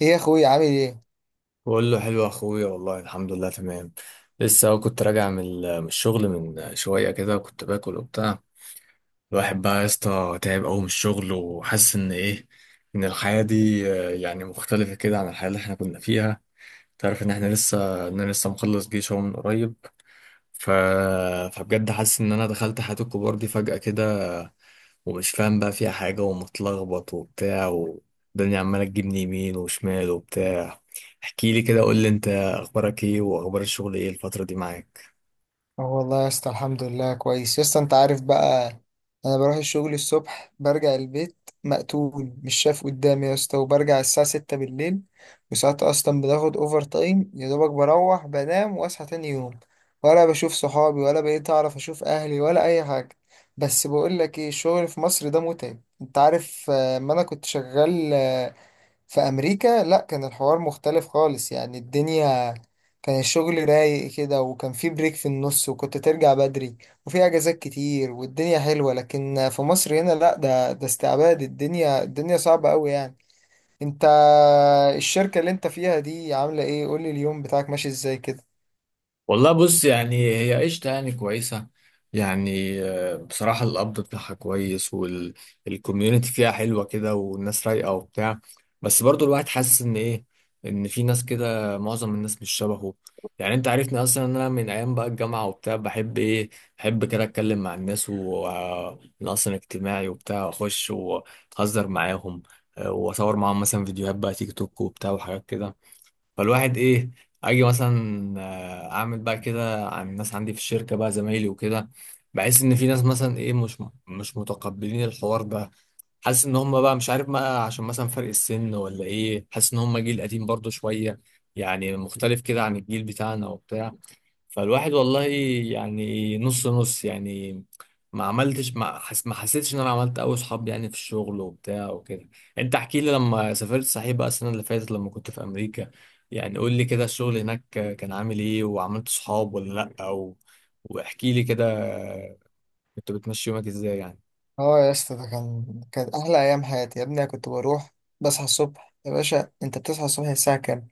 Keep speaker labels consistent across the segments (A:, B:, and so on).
A: ايه يا اخوي، عامل ايه؟
B: بقول له حلو يا اخويا، والله الحمد لله تمام. لسه أهو كنت راجع من الشغل من شويه كده، كنت باكل وبتاع. الواحد بقى يا اسطى تعب قوي من الشغل، وحاسس ان ايه، ان الحياه دي، يعني مختلفه كده عن الحياه اللي احنا كنا فيها. تعرف ان انا لسه مخلص جيش اهو من قريب. ف... فبجد حاسس ان انا دخلت حياه الكبار دي فجاه كده، ومش فاهم بقى فيها حاجة، ومتلخبط وبتاع، والدنيا عمالة تجيبني يمين وشمال وبتاع. احكي لي كده، قول لي انت اخبارك ايه، واخبار الشغل ايه الفترة دي معاك؟
A: اه والله يا اسطى، الحمد لله كويس يا اسطى. انت عارف بقى، انا بروح الشغل الصبح برجع البيت مقتول، مش شايف قدامي يا اسطى. وبرجع الساعة 6 بالليل، وساعات اصلا بناخد اوفر تايم. يا دوبك بروح بنام واصحى تاني يوم، ولا بشوف صحابي ولا بقيت اعرف اشوف اهلي ولا اي حاجة. بس بقول لك ايه، الشغل في مصر ده متعب، انت عارف. ما انا كنت شغال في امريكا. لا، كان الحوار مختلف خالص. يعني الدنيا كان الشغل رايق كده، وكان في بريك في النص، وكنت ترجع بدري، وفي اجازات كتير، والدنيا حلوة. لكن في مصر هنا لا، ده استعباد، الدنيا صعبة قوي يعني. انت، الشركة اللي انت فيها دي عاملة ايه؟ قولي، اليوم بتاعك ماشي ازاي كده؟
B: والله بص، يعني هي قشطة، يعني كويسة. يعني بصراحة القبض بتاعها كويس، والكوميونتي فيها حلوة كده، والناس رايقة وبتاع. بس برضو الواحد حاسس إن إيه، إن في ناس كده معظم الناس مش شبهه. يعني أنت عارفني أصلا، إن أنا من أيام بقى الجامعة وبتاع بحب كده أتكلم مع الناس، وأنا أصلا اجتماعي وبتاع، وأخش وأهزر معاهم، وأصور معاهم مثلا فيديوهات بقى تيك توك وبتاع وحاجات كده. فالواحد ايه، اجي مثلا اعمل بقى كده عن الناس عندي في الشركه بقى زمايلي وكده. بحس ان في ناس مثلا ايه، مش متقبلين الحوار ده. حاسس ان هم بقى مش عارف بقى، عشان مثلا فرق السن ولا ايه، حاسس ان هم جيل قديم برضو شويه، يعني مختلف كده عن الجيل بتاعنا وبتاع. فالواحد والله يعني نص نص، يعني ما حسيتش ان انا عملت قوي صحاب يعني في الشغل وبتاع وكده. انت احكي لي، لما سافرت صحيح بقى السنة اللي فاتت لما كنت في امريكا، يعني قول لي كده الشغل هناك كان عامل ايه، وعملت صحاب ولا لا؟ او واحكي لي كده كنت بتمشي يومك ازاي يعني.
A: اه يا اسطى، ده كان احلى ايام حياتي يا ابني. أنا كنت بروح بصحى الصبح. يا باشا انت بتصحى الصبح الساعة كام؟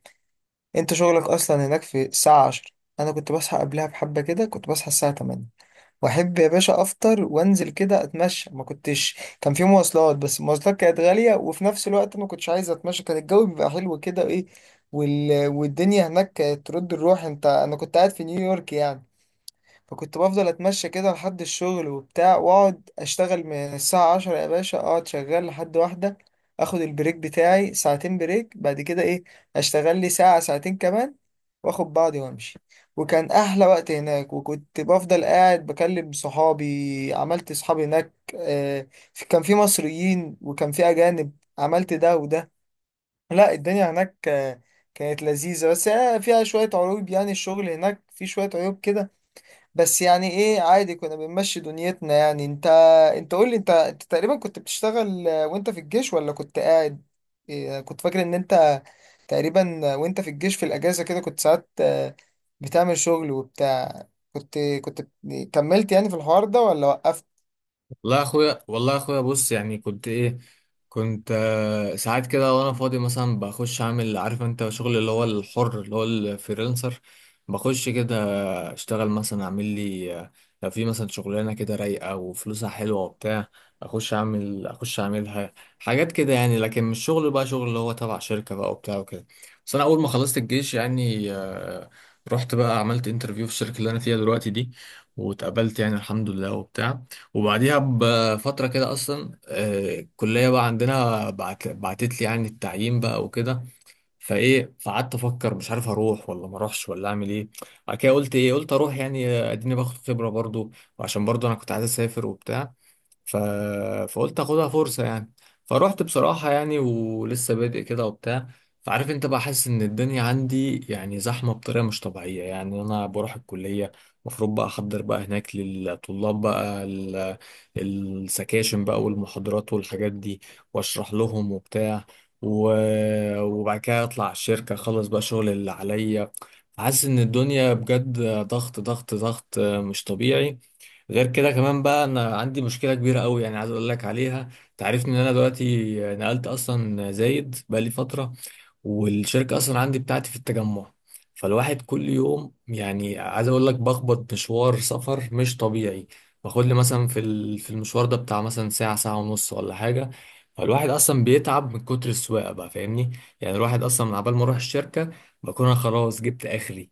A: انت شغلك اصلا هناك في الساعة 10. انا كنت بصحى قبلها بحبة كده، كنت بصحى الساعة 8. واحب يا باشا افطر وانزل كده اتمشى. ما كنتش، كان في مواصلات بس المواصلات كانت غالية، وفي نفس الوقت ما كنتش عايز اتمشى. كان الجو بيبقى حلو كده ايه. والدنيا هناك كانت ترد الروح. انت، انا كنت قاعد في نيويورك يعني. فكنت بفضل اتمشى كده لحد الشغل وبتاع، واقعد اشتغل من الساعة 10 يا باشا، اقعد شغال لحد 1. اخد البريك بتاعي ساعتين بريك، بعد كده ايه، اشتغل لي ساعة ساعتين كمان، واخد بعضي وامشي. وكان احلى وقت هناك، وكنت بفضل قاعد بكلم صحابي. عملت صحابي هناك، كان في مصريين وكان في اجانب، عملت ده وده. لا، الدنيا هناك كانت لذيذة. بس هي فيها شوية عيوب يعني، الشغل هناك في شوية عيوب كده. بس يعني ايه عادي، كنا بنمشي دنيتنا يعني. انت قول لي، انت تقريبا كنت بتشتغل وانت في الجيش ولا كنت قاعد؟ إيه، كنت فاكر ان انت تقريبا وانت في الجيش في الاجازة كده كنت ساعات بتعمل شغل وبتاع. كنت كنت كملت يعني في الحوار ده ولا وقفت؟
B: والله يا اخويا بص، يعني كنت ايه، كنت ساعات كده وانا فاضي مثلا بخش اعمل، عارف انت شغل اللي هو الحر، اللي هو الفريلانسر. بخش كده، اشتغل مثلا اعمل لي، لو في مثلا شغلانه كده رايقه وفلوسها حلوه وبتاع، اخش اعملها، حاجات كده يعني. لكن مش شغل بقى شغل اللي هو تبع شركه بقى وبتاع وكده. بس انا اول ما خلصت الجيش يعني، رحت بقى عملت انترفيو في الشركه اللي انا فيها دلوقتي دي، واتقبلت يعني الحمد لله وبتاع. وبعديها بفتره كده اصلا، الكليه بقى عندنا بعتت لي يعني التعيين بقى وكده. فايه، فقعدت افكر مش عارف اروح ولا ما اروحش ولا اعمل ايه. بعد كده قلت اروح يعني، اديني باخد خبره برضو، وعشان برضو انا كنت عايز اسافر وبتاع. ف... فقلت اخدها فرصة يعني. فروحت بصراحة يعني، ولسه بادئ كده وبتاع. فعارف انت بقى، حاسس ان الدنيا عندي يعني زحمة بطريقة مش طبيعية. يعني انا بروح الكلية، المفروض بقى احضر بقى هناك للطلاب بقى السكاشن بقى والمحاضرات والحاجات دي، واشرح لهم وبتاع. و... وبعد كده اطلع على الشركة اخلص بقى شغل اللي عليا. حاسس ان الدنيا بجد ضغط ضغط ضغط مش طبيعي. غير كده كمان بقى، انا عندي مشكله كبيره قوي يعني، عايز اقول لك عليها. تعرفني ان انا دلوقتي نقلت اصلا زايد بقى لي فتره، والشركة أصلا عندي بتاعتي في التجمع. فالواحد كل يوم يعني عايز أقول لك بخبط مشوار سفر مش طبيعي. باخد لي مثلا في المشوار ده بتاع مثلا ساعة ساعة ونص ولا حاجة. فالواحد أصلا بيتعب من كتر السواقة بقى، فاهمني يعني. الواحد أصلا من عبال ما أروح الشركة بكون أنا خلاص جبت آخري.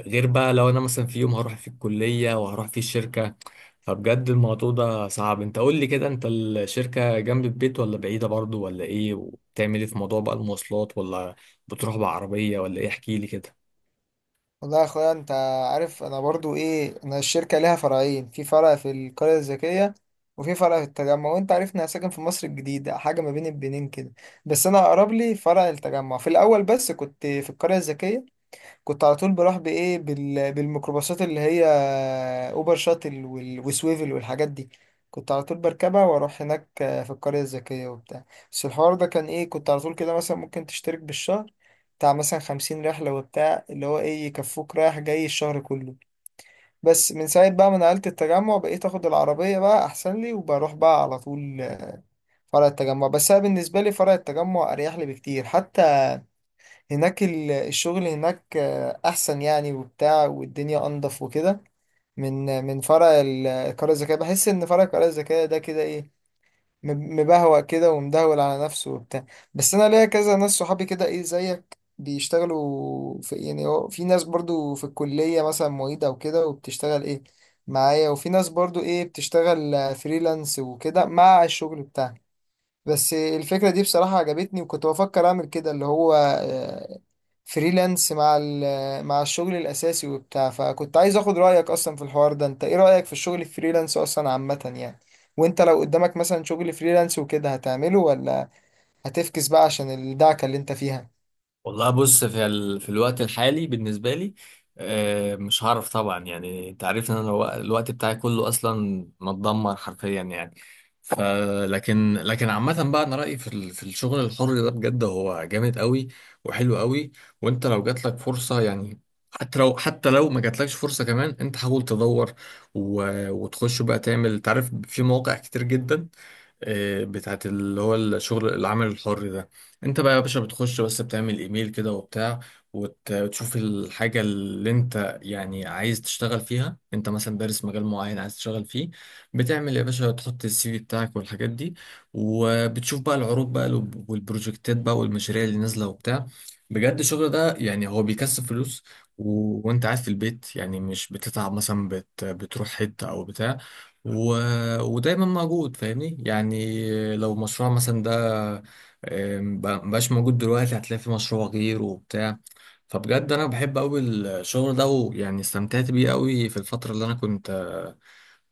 B: غير بقى لو أنا مثلا في يوم هروح فيه الكلية وهروح فيه الشركة، فبجد الموضوع ده صعب. انت قول لي كده، انت الشركة جنب البيت ولا بعيدة برضو ولا ايه؟ وبتعمل ايه في موضوع بقى المواصلات، ولا بتروح بعربية ولا ايه؟ احكي لي كده.
A: والله يا اخويا، انت عارف، انا برضو ايه، انا الشركه ليها فرعين، في فرع في القريه الذكيه، وفي فرع في التجمع. وانت عارفني انا ساكن في مصر الجديده، حاجه ما بين البنين كده. بس انا اقرب لي فرع التجمع. في الاول بس كنت في القريه الذكيه، كنت على طول بروح بايه، بالميكروباصات اللي هي اوبر شاتل وسويفل والحاجات دي. كنت على طول بركبها واروح هناك في القرية الذكية وبتاع. بس الحوار ده كان ايه، كنت على طول كده مثلا ممكن تشترك بالشهر بتاع مثلا 50 رحلة وبتاع، اللي هو ايه يكفوك رايح جاي الشهر كله. بس من ساعة بقى ما نقلت التجمع، بقيت اخد العربية بقى احسن لي، وبروح بقى على طول فرع التجمع. بس انا بالنسبة لي فرع التجمع اريح لي بكتير. حتى هناك الشغل هناك احسن يعني وبتاع، والدنيا انضف وكده. من فرع القرية الذكية بحس ان فرع القرية الذكية ده كده ايه، مبهوأ كده ومدهول على نفسه وبتاع. بس انا ليا كذا ناس صحابي كده ايه زيك بيشتغلوا في، يعني هو في ناس برضو في الكلية مثلا معيدة او كده وبتشتغل ايه معايا، وفي ناس برضو ايه بتشتغل فريلانس وكده مع الشغل بتاعها. بس الفكرة دي بصراحة عجبتني، وكنت بفكر أعمل كده اللي هو فريلانس مع مع الشغل الأساسي وبتاع. فكنت عايز أخد رأيك أصلا في الحوار ده. أنت إيه رأيك في الشغل الفريلانس أصلا عامة يعني؟ وأنت لو قدامك مثلا شغل فريلانس وكده هتعمله، ولا هتفكس بقى عشان الدعكة اللي أنت فيها؟
B: والله بص، في الوقت الحالي بالنسبة لي، مش هعرف طبعا، يعني انت عارف ان انا الوقت بتاعي كله اصلا متدمر حرفيا يعني. ف لكن عامة بقى، انا رأيي في الشغل الحر ده بجد هو جامد قوي وحلو قوي. وانت لو جات لك فرصة يعني، حتى لو ما جاتلكش فرصة كمان، انت حاول تدور. و... وتخش بقى تعمل، تعرف في مواقع كتير جدا بتاعت اللي هو الشغل العمل الحر ده. انت بقى يا باشا بتخش بس بتعمل ايميل كده وبتاع، وتشوف الحاجة اللي انت يعني عايز تشتغل فيها. انت مثلا دارس مجال معين عايز تشتغل فيه، بتعمل يا باشا تحط السي في بتاعك والحاجات دي، وبتشوف بقى العروض بقى والبروجكتات بقى والمشاريع اللي نازلة وبتاع. بجد الشغل ده يعني هو بيكسب فلوس. و... وانت قاعد في البيت يعني، مش بتتعب مثلا بتروح حتة او بتاع. و... ودايما موجود، فاهمني يعني، لو مشروع مثلا ده مبقاش موجود دلوقتي، هتلاقي في مشروع غيره وبتاع. فبجد انا بحب قوي الشغل ده، ويعني استمتعت بيه قوي في الفترة اللي انا كنت آه،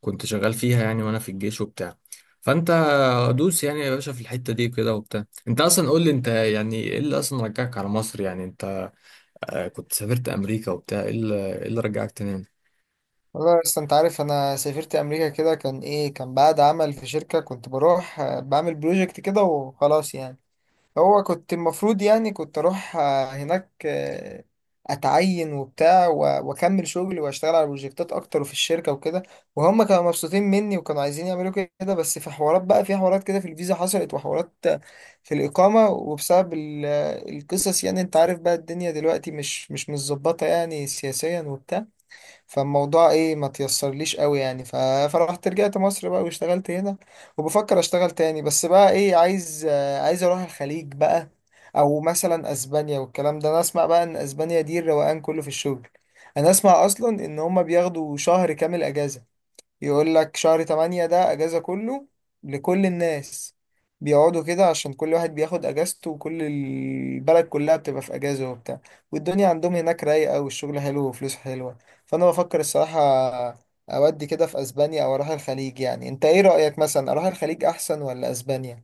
B: كنت شغال فيها يعني وانا في الجيش وبتاع. فانت دوس يعني يا باشا في الحتة دي كده وبتاع. انت اصلا قول لي، انت يعني ايه اللي اصلا رجعك على مصر؟ يعني انت كنت سافرت امريكا وبتاع، ايه اللي إيه اللي رجعك تاني؟
A: والله أصلا أنت عارف، أنا سافرت أمريكا كده كان إيه، كان بعد عمل في شركة كنت بروح بعمل بروجكت كده وخلاص يعني. هو كنت المفروض يعني كنت اروح هناك اتعين وبتاع واكمل شغلي واشتغل على بروجكتات اكتر وفي الشركه وكده. وهم كانوا مبسوطين مني وكانوا عايزين يعملوا كده، بس في حوارات كده في الفيزا حصلت، وحوارات في الاقامه. وبسبب القصص يعني، انت عارف بقى الدنيا دلوقتي مش متظبطه يعني سياسيا وبتاع. فالموضوع ايه، ما تيسرليش قوي يعني. فرحت رجعت مصر بقى واشتغلت هنا. وبفكر اشتغل تاني، بس بقى ايه، عايز اروح الخليج بقى، او مثلا اسبانيا. والكلام ده، انا اسمع بقى ان اسبانيا دي الروقان كله في الشغل. انا اسمع اصلا ان هما بياخدوا شهر كامل اجازة، يقول لك شهر 8 ده أجازة كله لكل الناس، بيقعدوا كده عشان كل واحد بياخد أجازته، وكل البلد كلها بتبقى في أجازة وبتاع. والدنيا عندهم هناك رايقة، والشغل حلو وفلوس حلوة. فأنا بفكر الصراحة أودي كده في أسبانيا أو أروح الخليج يعني. أنت إيه رأيك، مثلا أروح الخليج أحسن ولا أسبانيا؟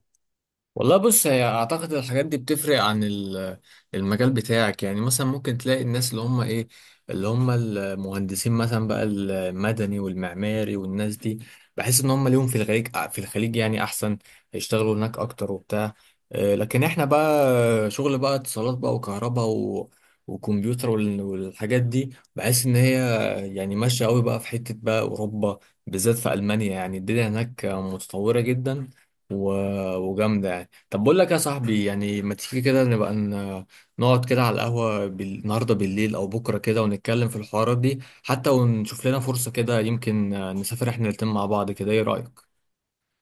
B: والله بص، هي اعتقد الحاجات دي بتفرق عن المجال بتاعك. يعني مثلا ممكن تلاقي الناس اللي هم ايه، اللي هم المهندسين مثلا بقى المدني والمعماري والناس دي، بحس ان هم ليهم في الخليج يعني احسن، يشتغلوا هناك اكتر وبتاع. لكن احنا بقى شغل بقى اتصالات بقى وكهرباء، و وكمبيوتر والحاجات دي، بحس ان هي يعني ماشيه قوي بقى في حته بقى اوروبا، بالذات في المانيا. يعني الدنيا هناك متطوره جدا وجامده. طب بقول لك يا صاحبي يعني، ما تيجي كده نقعد كده على القهوة النهاردة بالليل أو بكرة كده، ونتكلم في الحوارات دي حتى، ونشوف لنا فرصة كده، يمكن نسافر احنا الاتنين مع بعض كده، ايه رأيك؟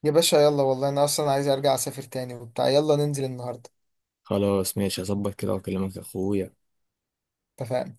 A: يا باشا يلا، والله أنا أصلا عايز أرجع أسافر تاني وبتاع. يلا ننزل النهاردة.
B: خلاص ماشي، هظبط كده وأكلمك يا أخويا.
A: اتفقنا.